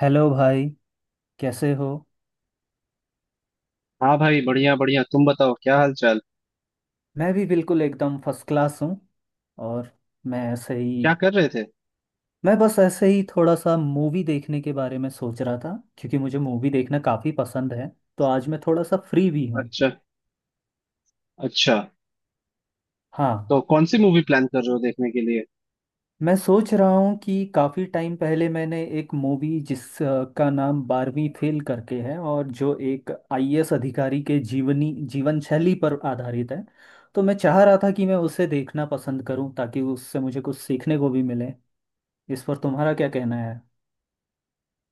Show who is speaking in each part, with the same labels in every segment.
Speaker 1: Hello भाई। कैसे हो?
Speaker 2: हाँ भाई, बढ़िया बढ़िया। तुम बताओ, क्या हाल चाल,
Speaker 1: मैं भी बिल्कुल एकदम फर्स्ट क्लास हूँ। और मैं ऐसे ही
Speaker 2: क्या कर रहे थे?
Speaker 1: मैं बस ऐसे ही थोड़ा सा मूवी देखने के बारे में सोच रहा था क्योंकि मुझे मूवी देखना काफ़ी पसंद है। तो आज मैं थोड़ा सा फ्री भी हूँ।
Speaker 2: अच्छा अच्छा।
Speaker 1: हाँ।
Speaker 2: तो कौन सी मूवी प्लान कर रहे हो देखने के लिए?
Speaker 1: मैं सोच रहा हूँ कि काफ़ी टाइम पहले मैंने एक मूवी का नाम बारहवीं फेल करके है और जो एक आईएएस अधिकारी के जीवनी जीवन शैली पर आधारित है। तो मैं चाह रहा था कि मैं उसे देखना पसंद करूं ताकि उससे मुझे कुछ सीखने को भी मिले। इस पर तुम्हारा क्या कहना है?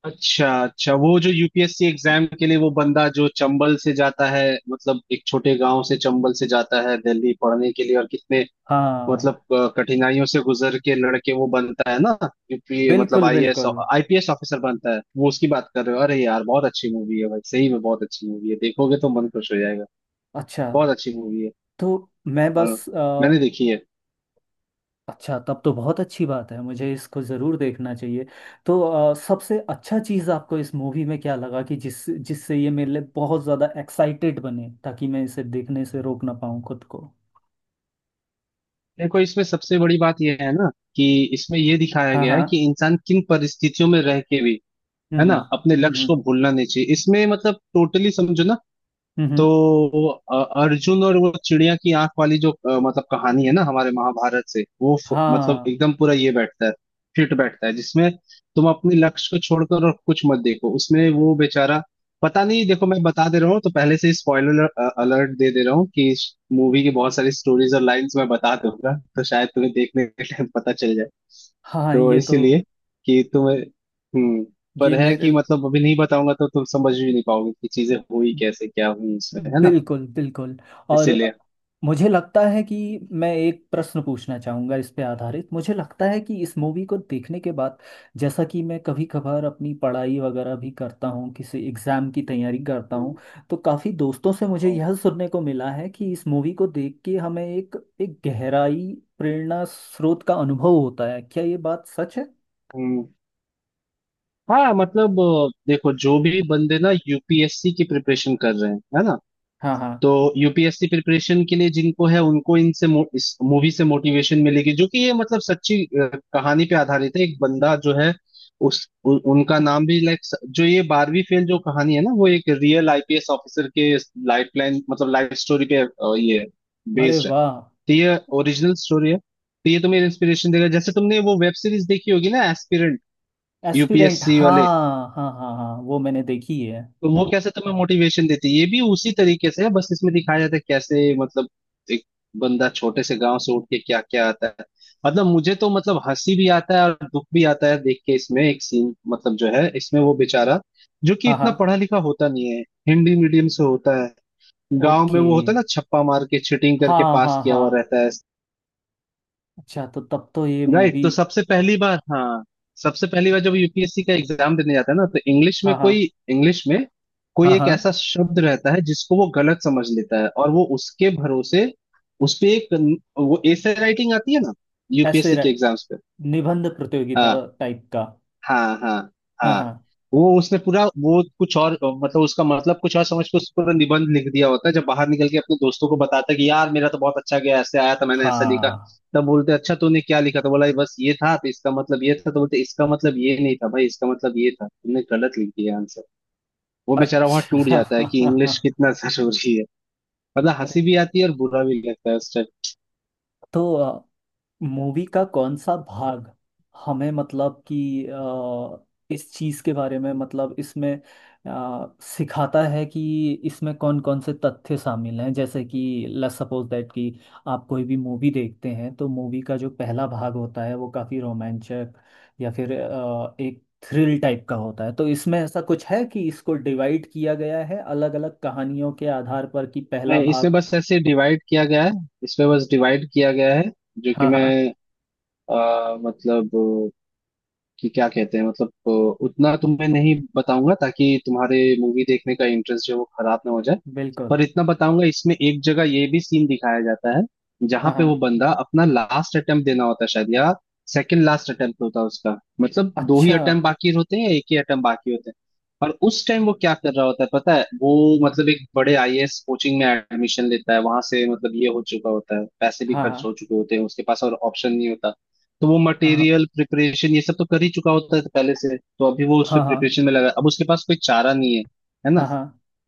Speaker 2: अच्छा अच्छा, वो जो यूपीएससी एग्जाम के लिए वो बंदा जो चंबल से जाता है। मतलब एक छोटे गांव से चंबल से जाता है दिल्ली पढ़ने के लिए, और कितने
Speaker 1: हाँ,
Speaker 2: मतलब कठिनाइयों से गुजर के लड़के वो बनता है ना। यूपी मतलब
Speaker 1: बिल्कुल,
Speaker 2: आईएएस,
Speaker 1: बिल्कुल।
Speaker 2: आईपीएस ऑफिसर बनता है। वो उसकी बात कर रहे हो? अरे यार बहुत अच्छी मूवी है भाई, सही में बहुत अच्छी मूवी है। देखोगे तो मन खुश हो जाएगा।
Speaker 1: अच्छा,
Speaker 2: बहुत अच्छी मूवी है।
Speaker 1: तो मैं
Speaker 2: हाँ,
Speaker 1: बस अ,
Speaker 2: मैंने देखी है।
Speaker 1: अच्छा, तब तो बहुत अच्छी बात है, मुझे इसको ज़रूर देखना चाहिए। तो सबसे अच्छा चीज़ आपको इस मूवी में क्या लगा कि जिससे ये मेरे लिए बहुत ज़्यादा एक्साइटेड बने ताकि मैं इसे देखने से रोक ना पाऊँ खुद को?
Speaker 2: देखो, इसमें सबसे बड़ी बात यह है ना, कि इसमें यह दिखाया
Speaker 1: हाँ,
Speaker 2: गया है
Speaker 1: हाँ,
Speaker 2: कि इंसान किन परिस्थितियों में रह के भी, है
Speaker 1: हम्म,
Speaker 2: ना,
Speaker 1: हम्म,
Speaker 2: अपने लक्ष्य को
Speaker 1: हम्म,
Speaker 2: भूलना नहीं चाहिए। इसमें मतलब टोटली समझो ना।
Speaker 1: हम्म,
Speaker 2: तो अर्जुन और वो चिड़िया की आंख वाली जो मतलब कहानी है ना हमारे महाभारत से, वो मतलब
Speaker 1: हाँ,
Speaker 2: एकदम पूरा ये बैठता है, फिट बैठता है, जिसमें तुम अपने लक्ष्य को छोड़कर और कुछ मत देखो। उसमें वो बेचारा, पता नहीं, देखो मैं बता दे रहा हूँ तो पहले से ही स्पॉइलर अलर्ट दे दे रहा हूँ कि इस मूवी की बहुत सारी स्टोरीज और लाइंस मैं बता दूंगा तो शायद तुम्हें देखने के टाइम पता चल जाए।
Speaker 1: हाँ।
Speaker 2: तो
Speaker 1: ये तो।
Speaker 2: इसीलिए कि तुम्हें, हम्म, पर
Speaker 1: ये
Speaker 2: है कि
Speaker 1: मेरे
Speaker 2: मतलब अभी नहीं बताऊंगा तो तुम समझ भी नहीं पाओगे कि चीजें हुई कैसे, क्या हुई इसमें, है ना।
Speaker 1: बिल्कुल, बिल्कुल। और
Speaker 2: इसीलिए।
Speaker 1: मुझे लगता है कि मैं एक प्रश्न पूछना चाहूँगा इस पे आधारित। मुझे लगता है कि इस मूवी को देखने के बाद, जैसा कि मैं कभी कभार अपनी पढ़ाई वगैरह भी करता हूँ, किसी एग्ज़ाम की तैयारी करता हूँ,
Speaker 2: हम्म,
Speaker 1: तो काफ़ी दोस्तों से मुझे
Speaker 2: हम्म,
Speaker 1: यह सुनने को मिला है कि इस मूवी को देख के हमें एक एक गहराई प्रेरणा स्रोत का अनुभव होता है। क्या ये बात सच है?
Speaker 2: हम्म हाँ, मतलब देखो, जो भी बंदे ना यूपीएससी की प्रिपरेशन कर रहे हैं, है ना,
Speaker 1: हाँ, हाँ।
Speaker 2: तो यूपीएससी प्रिपरेशन के लिए जिनको है उनको इनसे इस मूवी से मोटिवेशन मिलेगी। जो कि ये मतलब सच्ची कहानी पे आधारित है। एक बंदा जो है, उनका नाम भी लाइक, जो ये बारहवीं फेल जो कहानी है ना, वो एक रियल आईपीएस ऑफिसर के लाइफ लाइन मतलब लाइफ स्टोरी पे ये
Speaker 1: अरे
Speaker 2: बेस्ड है।
Speaker 1: वाह!
Speaker 2: तो ये ओरिजिनल स्टोरी है। तो ये तुम्हें इंस्पिरेशन देगा। जैसे तुमने वो वेब सीरीज देखी होगी ना, एस्पिरेंट,
Speaker 1: एस्पिरेंट,
Speaker 2: यूपीएससी वाले,
Speaker 1: हाँ, हाँ, हाँ, हाँ, वो मैंने देखी है।
Speaker 2: तो वो कैसे तुम्हें मोटिवेशन देती है, ये भी उसी तरीके से है। बस इसमें दिखाया जाता है कैसे मतलब एक बंदा छोटे से गांव से उठ के क्या क्या आता है। मतलब मुझे तो मतलब हंसी भी आता है और दुख भी आता है देख के। इसमें एक सीन मतलब जो है, इसमें वो बेचारा जो कि
Speaker 1: हाँ, हाँ।
Speaker 2: इतना पढ़ा लिखा होता नहीं है, हिंदी मीडियम से होता है, गांव
Speaker 1: ओके।
Speaker 2: में वो होता है ना, छप्पा मार के चीटिंग करके
Speaker 1: हाँ,
Speaker 2: पास
Speaker 1: हाँ,
Speaker 2: किया
Speaker 1: हाँ।
Speaker 2: हुआ रहता है।
Speaker 1: अच्छा, तो तब तो ये
Speaker 2: राइट,
Speaker 1: मूवी।
Speaker 2: तो सबसे पहली बार, हाँ, सबसे पहली बार जब यूपीएससी का एग्जाम देने जाता है ना, तो इंग्लिश में
Speaker 1: हाँ, हाँ,
Speaker 2: कोई, इंग्लिश में कोई
Speaker 1: हाँ,
Speaker 2: एक
Speaker 1: हाँ।
Speaker 2: ऐसा शब्द रहता है जिसको वो गलत समझ लेता है और वो उसके भरोसे उस पे एक, वो एसे राइटिंग आती है ना
Speaker 1: ऐसे
Speaker 2: यूपीएससी
Speaker 1: रह,
Speaker 2: के एग्जाम्स पे।
Speaker 1: निबंध प्रतियोगिता
Speaker 2: हाँ,
Speaker 1: टाइप का।
Speaker 2: हाँ, हाँ,
Speaker 1: हाँ,
Speaker 2: हाँ।
Speaker 1: हाँ,
Speaker 2: वो उसने पूरा, वो कुछ और मतलब उसका मतलब कुछ और समझ के उसने पूरा निबंध लिख दिया होता है। जब बाहर निकल के अपने दोस्तों को बताता है कि यार मेरा तो बहुत अच्छा गया, ऐसे आया था, मैंने ऐसा लिखा।
Speaker 1: हाँ।
Speaker 2: तब बोलते अच्छा तूने क्या लिखा, तो बोला बस ये था तो इसका मतलब ये था, तो बोलते इसका मतलब ये नहीं था भाई, इसका मतलब ये था, तुमने गलत लिख दिया आंसर। वो बेचारा वहां टूट
Speaker 1: अच्छा।
Speaker 2: जाता है कि इंग्लिश कितना जरूरी है। मतलब हंसी
Speaker 1: अरे!
Speaker 2: भी आती है और बुरा भी लगता है उस टाइम।
Speaker 1: तो मूवी का कौन सा भाग हमें, मतलब कि इस चीज के बारे में, मतलब इसमें सिखाता है कि इसमें कौन कौन से तथ्य शामिल हैं? जैसे कि लेट्स सपोज दैट कि आप कोई भी मूवी देखते हैं तो मूवी का जो पहला भाग होता है वो काफी रोमांचक या फिर एक थ्रिल टाइप का होता है, तो इसमें ऐसा कुछ है कि इसको डिवाइड किया गया है अलग अलग कहानियों के आधार पर कि पहला
Speaker 2: नहीं, इसमें
Speaker 1: भाग।
Speaker 2: बस ऐसे डिवाइड किया गया है, इसमें बस डिवाइड किया गया है, जो कि
Speaker 1: हाँ,
Speaker 2: मैं
Speaker 1: हाँ।
Speaker 2: मतलब कि क्या कहते हैं मतलब उतना तुम्हें नहीं बताऊंगा ताकि तुम्हारे मूवी देखने का इंटरेस्ट जो है वो खराब ना हो जाए।
Speaker 1: बिल्कुल।
Speaker 2: पर इतना बताऊंगा, इसमें एक जगह ये भी सीन दिखाया जाता है जहां
Speaker 1: हाँ,
Speaker 2: पे वो
Speaker 1: हाँ।
Speaker 2: बंदा अपना लास्ट अटेम्प्ट देना होता है शायद, या सेकंड लास्ट अटेम्प्ट होता है उसका, मतलब दो ही
Speaker 1: अच्छा।
Speaker 2: अटेम्प्ट बाकी होते हैं या एक ही अटेम्प्ट बाकी होते हैं। और उस टाइम वो क्या कर रहा होता है पता है? वो मतलब एक बड़े आईएएस कोचिंग में एडमिशन लेता है। वहां से मतलब ये हो चुका होता है, पैसे भी
Speaker 1: हाँ, हाँ,
Speaker 2: खर्च हो चुके होते हैं उसके पास, और ऑप्शन नहीं होता। तो वो
Speaker 1: हाँ,
Speaker 2: मटेरियल प्रिपरेशन ये सब तो कर ही चुका होता है पहले से, तो अभी वो उसपे
Speaker 1: हाँ, हाँ,
Speaker 2: प्रिपरेशन में लगा है। अब उसके पास कोई चारा नहीं है, है ना।
Speaker 1: हाँ,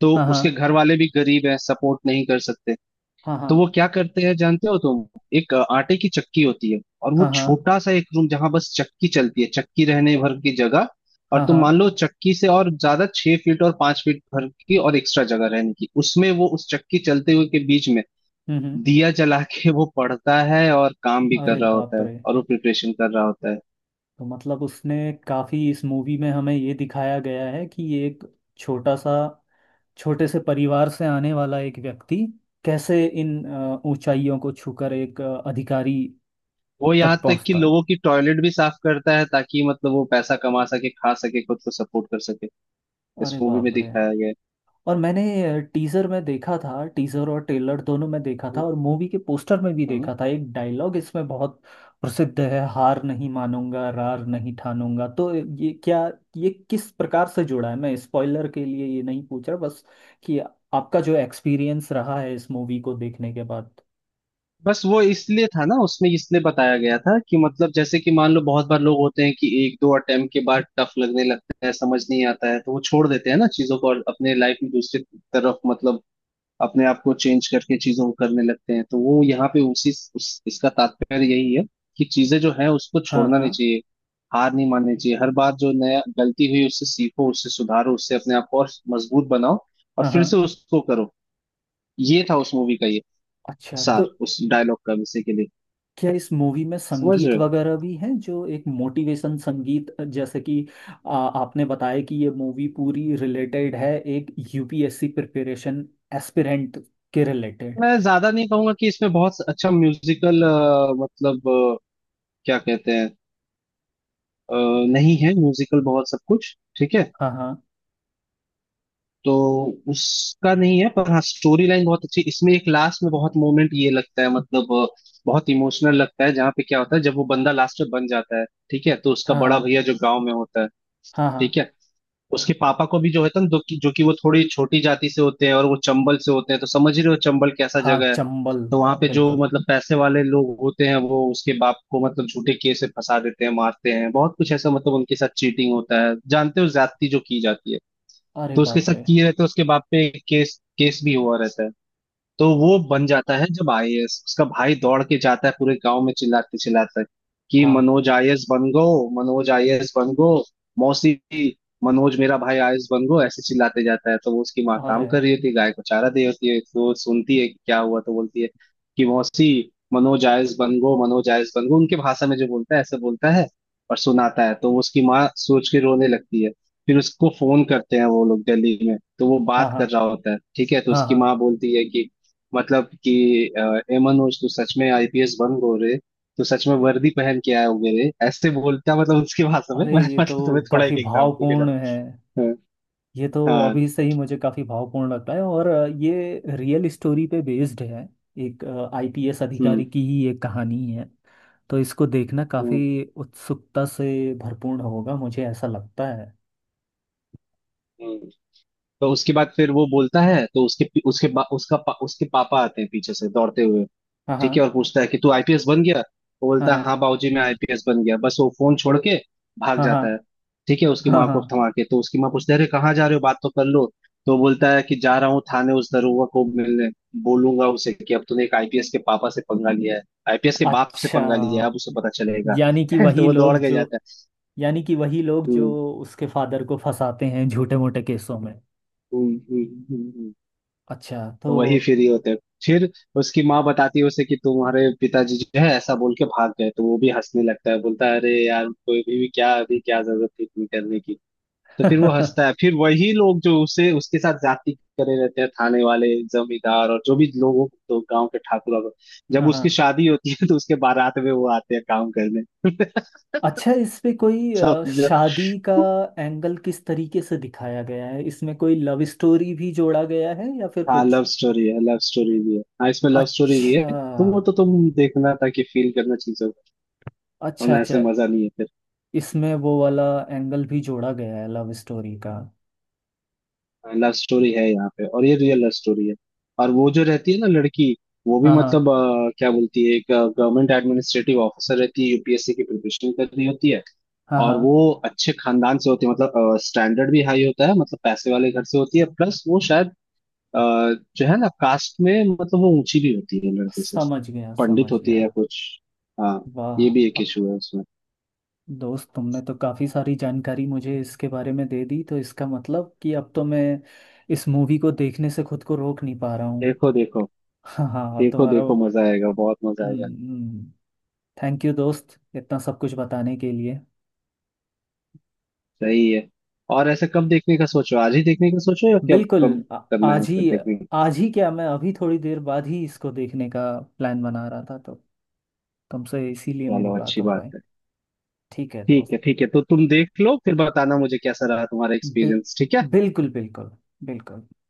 Speaker 2: तो उसके
Speaker 1: हाँ,
Speaker 2: घर वाले भी गरीब हैं, सपोर्ट नहीं कर सकते।
Speaker 1: हाँ,
Speaker 2: तो वो
Speaker 1: हाँ,
Speaker 2: क्या करते हैं जानते हो तुम? एक आटे की चक्की होती है और वो
Speaker 1: हाँ, हाँ, हाँ,
Speaker 2: छोटा सा एक रूम जहां बस चक्की चलती है, चक्की रहने भर की जगह, और
Speaker 1: हाँ,
Speaker 2: तुम
Speaker 1: हाँ,
Speaker 2: मान लो चक्की से और ज्यादा छह फीट और पांच फीट भर की और एक्स्ट्रा जगह रहने की, उसमें वो उस चक्की चलते हुए के बीच में
Speaker 1: हम्म,
Speaker 2: दिया जला के वो पढ़ता है और काम भी कर
Speaker 1: अरे
Speaker 2: रहा
Speaker 1: बाप
Speaker 2: होता है
Speaker 1: रे!
Speaker 2: और वो प्रिपरेशन कर रहा होता है।
Speaker 1: तो मतलब उसने, काफी इस मूवी में हमें ये दिखाया गया है कि ये एक छोटा सा, छोटे से परिवार से आने वाला एक व्यक्ति कैसे इन ऊंचाइयों को छूकर एक अधिकारी
Speaker 2: वो यहाँ
Speaker 1: तक
Speaker 2: तक कि
Speaker 1: पहुंचता है।
Speaker 2: लोगों की टॉयलेट भी साफ करता है ताकि मतलब वो पैसा कमा सके, खा सके, खुद को सपोर्ट कर सके, इस
Speaker 1: अरे
Speaker 2: मूवी में
Speaker 1: बाप रे!
Speaker 2: दिखाया गया है।
Speaker 1: और मैंने टीजर में देखा था, टीजर और ट्रेलर दोनों में देखा था, और मूवी के पोस्टर में भी
Speaker 2: हम्म।
Speaker 1: देखा था, एक डायलॉग इसमें बहुत प्रसिद्ध है - हार नहीं मानूंगा, रार नहीं ठानूंगा। तो ये क्या? ये किस प्रकार से जुड़ा है? मैं स्पॉइलर के लिए ये नहीं पूछ रहा, बस कि आपका जो एक्सपीरियंस रहा है इस मूवी को देखने के बाद।
Speaker 2: बस वो इसलिए था ना उसमें, इसलिए बताया गया था कि मतलब जैसे कि मान लो बहुत बार लोग होते हैं कि एक दो अटेम्प्ट के बाद टफ लगने लगता है, समझ नहीं आता है, तो वो छोड़ देते हैं ना चीजों को, और अपने लाइफ में दूसरी तरफ मतलब अपने आप को चेंज करके चीजों को करने लगते हैं। तो वो यहाँ पे उसी इसका तात्पर्य यही है कि चीजें जो है उसको
Speaker 1: हाँ,
Speaker 2: छोड़ना
Speaker 1: हाँ,
Speaker 2: नहीं चाहिए, हार नहीं माननी चाहिए। हर बार जो नया गलती हुई उससे सीखो, उससे सुधारो, उससे अपने आप को और मजबूत बनाओ, और
Speaker 1: हाँ, हाँ।
Speaker 2: फिर से उसको करो। ये था उस मूवी का ये
Speaker 1: अच्छा, तो
Speaker 2: सार, उस डायलॉग का विषय के लिए।
Speaker 1: क्या इस मूवी में
Speaker 2: समझ
Speaker 1: संगीत
Speaker 2: रहे हो?
Speaker 1: वगैरह भी है जो एक मोटिवेशन संगीत, जैसे कि आपने बताया कि ये मूवी पूरी रिलेटेड है एक यूपीएससी प्रिपरेशन एस्पिरेंट के रिलेटेड?
Speaker 2: मैं ज्यादा नहीं कहूंगा कि इसमें बहुत अच्छा म्यूजिकल मतलब क्या कहते हैं, अ, नहीं है म्यूजिकल बहुत, सब कुछ ठीक है,
Speaker 1: हाँ, हाँ,
Speaker 2: तो उसका नहीं है। पर हाँ, स्टोरी लाइन बहुत अच्छी। इसमें एक लास्ट में बहुत मोमेंट ये लगता है, मतलब बहुत इमोशनल लगता है। जहाँ पे क्या होता है, जब वो बंदा लास्ट में बन जाता है, ठीक है, तो उसका
Speaker 1: हाँ,
Speaker 2: बड़ा
Speaker 1: हाँ,
Speaker 2: भैया जो गांव में होता है,
Speaker 1: हाँ, हाँ,
Speaker 2: ठीक है, उसके पापा को भी जो है ना, जो कि वो थोड़ी छोटी जाति से होते हैं और वो चंबल से होते हैं, तो समझ ही रहे हो चंबल कैसा
Speaker 1: हाँ।
Speaker 2: जगह है।
Speaker 1: चंबल।
Speaker 2: तो वहां पे जो
Speaker 1: बिल्कुल।
Speaker 2: मतलब पैसे वाले लोग होते हैं वो उसके बाप को मतलब झूठे केस से फंसा देते हैं, मारते हैं, बहुत कुछ ऐसा मतलब उनके साथ चीटिंग होता है, जानते हो, ज्यादती जो की जाती है।
Speaker 1: अरे
Speaker 2: तो उसके
Speaker 1: बाप
Speaker 2: साथ
Speaker 1: रे!
Speaker 2: किए रहते हैं, उसके बाप पे केस, केस भी हुआ रहता है। तो वो बन जाता है जब आईएएस, उसका भाई दौड़ के जाता है पूरे गांव में चिल्लाते चिल्लाते कि
Speaker 1: हाँ।
Speaker 2: मनोज आईएएस बन गो, मनोज आईएएस बन गो, मौसी, मनोज मेरा भाई आईएएस बन गो, ऐसे चिल्लाते जाता है। तो वो उसकी माँ
Speaker 1: अरे!
Speaker 2: काम कर रही होती है, गाय को चारा दे होती है, तो वो सुनती है कि क्या हुआ, तो बोलती है कि मौसी, मनोज आईएएस बन गो, मनोज आईएएस बन गो, उनके भाषा में जो बोलता है ऐसे बोलता है और सुनाता है। तो उसकी माँ सोच के रोने लगती है। फिर उसको फोन करते हैं वो लोग दिल्ली में, तो वो
Speaker 1: हाँ,
Speaker 2: बात
Speaker 1: हाँ,
Speaker 2: कर रहा होता है, ठीक है, तो
Speaker 1: हाँ,
Speaker 2: उसकी
Speaker 1: हाँ।
Speaker 2: माँ बोलती है कि मतलब कि अ, ए मनोज, तू सच में आईपीएस बन गो रे, तू सच में वर्दी पहन के आए होगे रे, ऐसे बोलता मतलब उसकी भाषा में।
Speaker 1: अरे,
Speaker 2: मैं
Speaker 1: ये
Speaker 2: मतलब
Speaker 1: तो
Speaker 2: तुम्हें थोड़ा
Speaker 1: काफी
Speaker 2: एक एग्जाम्पल के लिए।
Speaker 1: भावपूर्ण है,
Speaker 2: हाँ,
Speaker 1: ये तो
Speaker 2: हाँ,
Speaker 1: अभी से ही मुझे काफी भावपूर्ण लगता है, और ये रियल स्टोरी पे बेस्ड है, एक आईपीएस
Speaker 2: हम्म
Speaker 1: अधिकारी की ही एक कहानी है। तो इसको देखना
Speaker 2: हम्म
Speaker 1: काफी उत्सुकता से भरपूर होगा, मुझे ऐसा लगता है।
Speaker 2: हम्म। तो उसके बाद फिर वो बोलता है, तो उसके उसके बा, उसका पा, उसके पापा आते हैं पीछे से दौड़ते हुए,
Speaker 1: हाँ, हाँ,
Speaker 2: ठीक है, और पूछता है कि तू आईपीएस बन गया? वो बोलता है
Speaker 1: हाँ,
Speaker 2: हाँ बाबूजी मैं आईपीएस बन गया, बस वो फोन छोड़ के भाग
Speaker 1: हाँ, हाँ,
Speaker 2: जाता है, ठीक है, उसकी
Speaker 1: हाँ, हाँ,
Speaker 2: माँ को
Speaker 1: हाँ।
Speaker 2: थमा के। तो उसकी माँ पूछती है अरे कहाँ जा रहे हो, बात तो कर लो। तो वो बोलता है कि जा रहा हूँ थाने उस दरोगा को मिलने, बोलूंगा उसे कि अब तूने एक आईपीएस के पापा से पंगा लिया है, आईपीएस के बाप से
Speaker 1: अच्छा,
Speaker 2: पंगा लिया है, अब उसे पता चलेगा।
Speaker 1: यानी कि
Speaker 2: तो
Speaker 1: वही
Speaker 2: वो दौड़
Speaker 1: लोग
Speaker 2: के
Speaker 1: जो।
Speaker 2: जाता है।
Speaker 1: यानी कि वही लोग जो
Speaker 2: हम्म
Speaker 1: उसके फादर को फंसाते हैं झूठे मोटे केसों में?
Speaker 2: हम्म हम्म हम्म, हम्म।
Speaker 1: अच्छा, तो।
Speaker 2: तो वही फ्री होते हैं फिर। उसकी माँ बताती है उसे कि तुम्हारे पिताजी जो है ऐसा बोल के भाग गए, तो वो भी हंसने लगता है, बोलता है अरे यार कोई भी क्या अभी क्या जरूरत थी इतनी करने की। तो फिर वो
Speaker 1: हाँ,
Speaker 2: हंसता है। फिर वही लोग जो उसे उसके साथ जाति करे रहते हैं, थाने वाले, जमींदार और जो भी लोगों, तो गांव के ठाकुर वाकुर, जब उसकी
Speaker 1: हाँ।
Speaker 2: शादी होती है तो उसके बारात में वो आते हैं काम करने।
Speaker 1: अच्छा, इसपे कोई
Speaker 2: समझो।
Speaker 1: शादी का एंगल किस तरीके से दिखाया गया है? इसमें कोई लव स्टोरी भी जोड़ा गया है या फिर
Speaker 2: हाँ,
Speaker 1: कुछ?
Speaker 2: लव स्टोरी है, लव स्टोरी भी है, हाँ, इसमें लव स्टोरी भी है।
Speaker 1: अच्छा,
Speaker 2: तुम वो तो तुम देखना ताकि फील करना चीजों को,
Speaker 1: अच्छा,
Speaker 2: वरना ऐसे
Speaker 1: अच्छा।
Speaker 2: मजा नहीं है।
Speaker 1: इसमें वो वाला एंगल भी जोड़ा गया है लव स्टोरी का?
Speaker 2: लव स्टोरी है यहाँ पे, और ये रियल लव स्टोरी है। और वो जो रहती है ना लड़की, वो भी
Speaker 1: हाँ, हाँ,
Speaker 2: मतलब क्या बोलती है, एक गवर्नमेंट एडमिनिस्ट्रेटिव ऑफिसर रहती है, यूपीएससी की प्रिपरेशन कर रही होती है,
Speaker 1: हाँ,
Speaker 2: और
Speaker 1: हाँ।
Speaker 2: वो अच्छे खानदान से होती है, मतलब स्टैंडर्ड भी हाई होता है, मतलब पैसे वाले घर से होती है, प्लस वो शायद अ, जो है ना कास्ट में मतलब वो ऊंची भी होती है लड़के से,
Speaker 1: समझ गया, समझ
Speaker 2: पंडित होती है
Speaker 1: गया।
Speaker 2: या कुछ, हाँ,
Speaker 1: वाह!
Speaker 2: ये भी एक
Speaker 1: अब
Speaker 2: इशू है उसमें।
Speaker 1: दोस्त, तुमने तो काफ़ी सारी जानकारी मुझे इसके बारे में दे दी, तो इसका मतलब कि अब तो मैं इस मूवी को देखने से खुद को रोक नहीं पा रहा हूँ।
Speaker 2: देखो देखो,
Speaker 1: हाँ, हाँ। अब
Speaker 2: देखो
Speaker 1: तुम्हारा
Speaker 2: देखो, मजा आएगा, बहुत मजा आएगा।
Speaker 1: हम्म। थैंक यू दोस्त, इतना सब कुछ बताने के लिए।
Speaker 2: सही है। और ऐसा कब देखने का सोचो, आज ही देखने का सोचो या कब
Speaker 1: बिल्कुल।
Speaker 2: कब
Speaker 1: आ-
Speaker 2: करना है
Speaker 1: आज ही।
Speaker 2: फिर देखने का?
Speaker 1: आज ही क्या, मैं अभी थोड़ी देर बाद ही इसको देखने का प्लान बना रहा था, तो तुमसे इसीलिए मेरी
Speaker 2: चलो,
Speaker 1: बात
Speaker 2: अच्छी
Speaker 1: हो
Speaker 2: बात
Speaker 1: पाई।
Speaker 2: है।
Speaker 1: ठीक है
Speaker 2: ठीक
Speaker 1: दोस्त।
Speaker 2: है, ठीक है, तो तुम देख लो, फिर बताना मुझे कैसा रहा तुम्हारा
Speaker 1: बिल
Speaker 2: एक्सपीरियंस, ठीक है।
Speaker 1: बिल्कुल, बिल्कुल, बिल्कुल।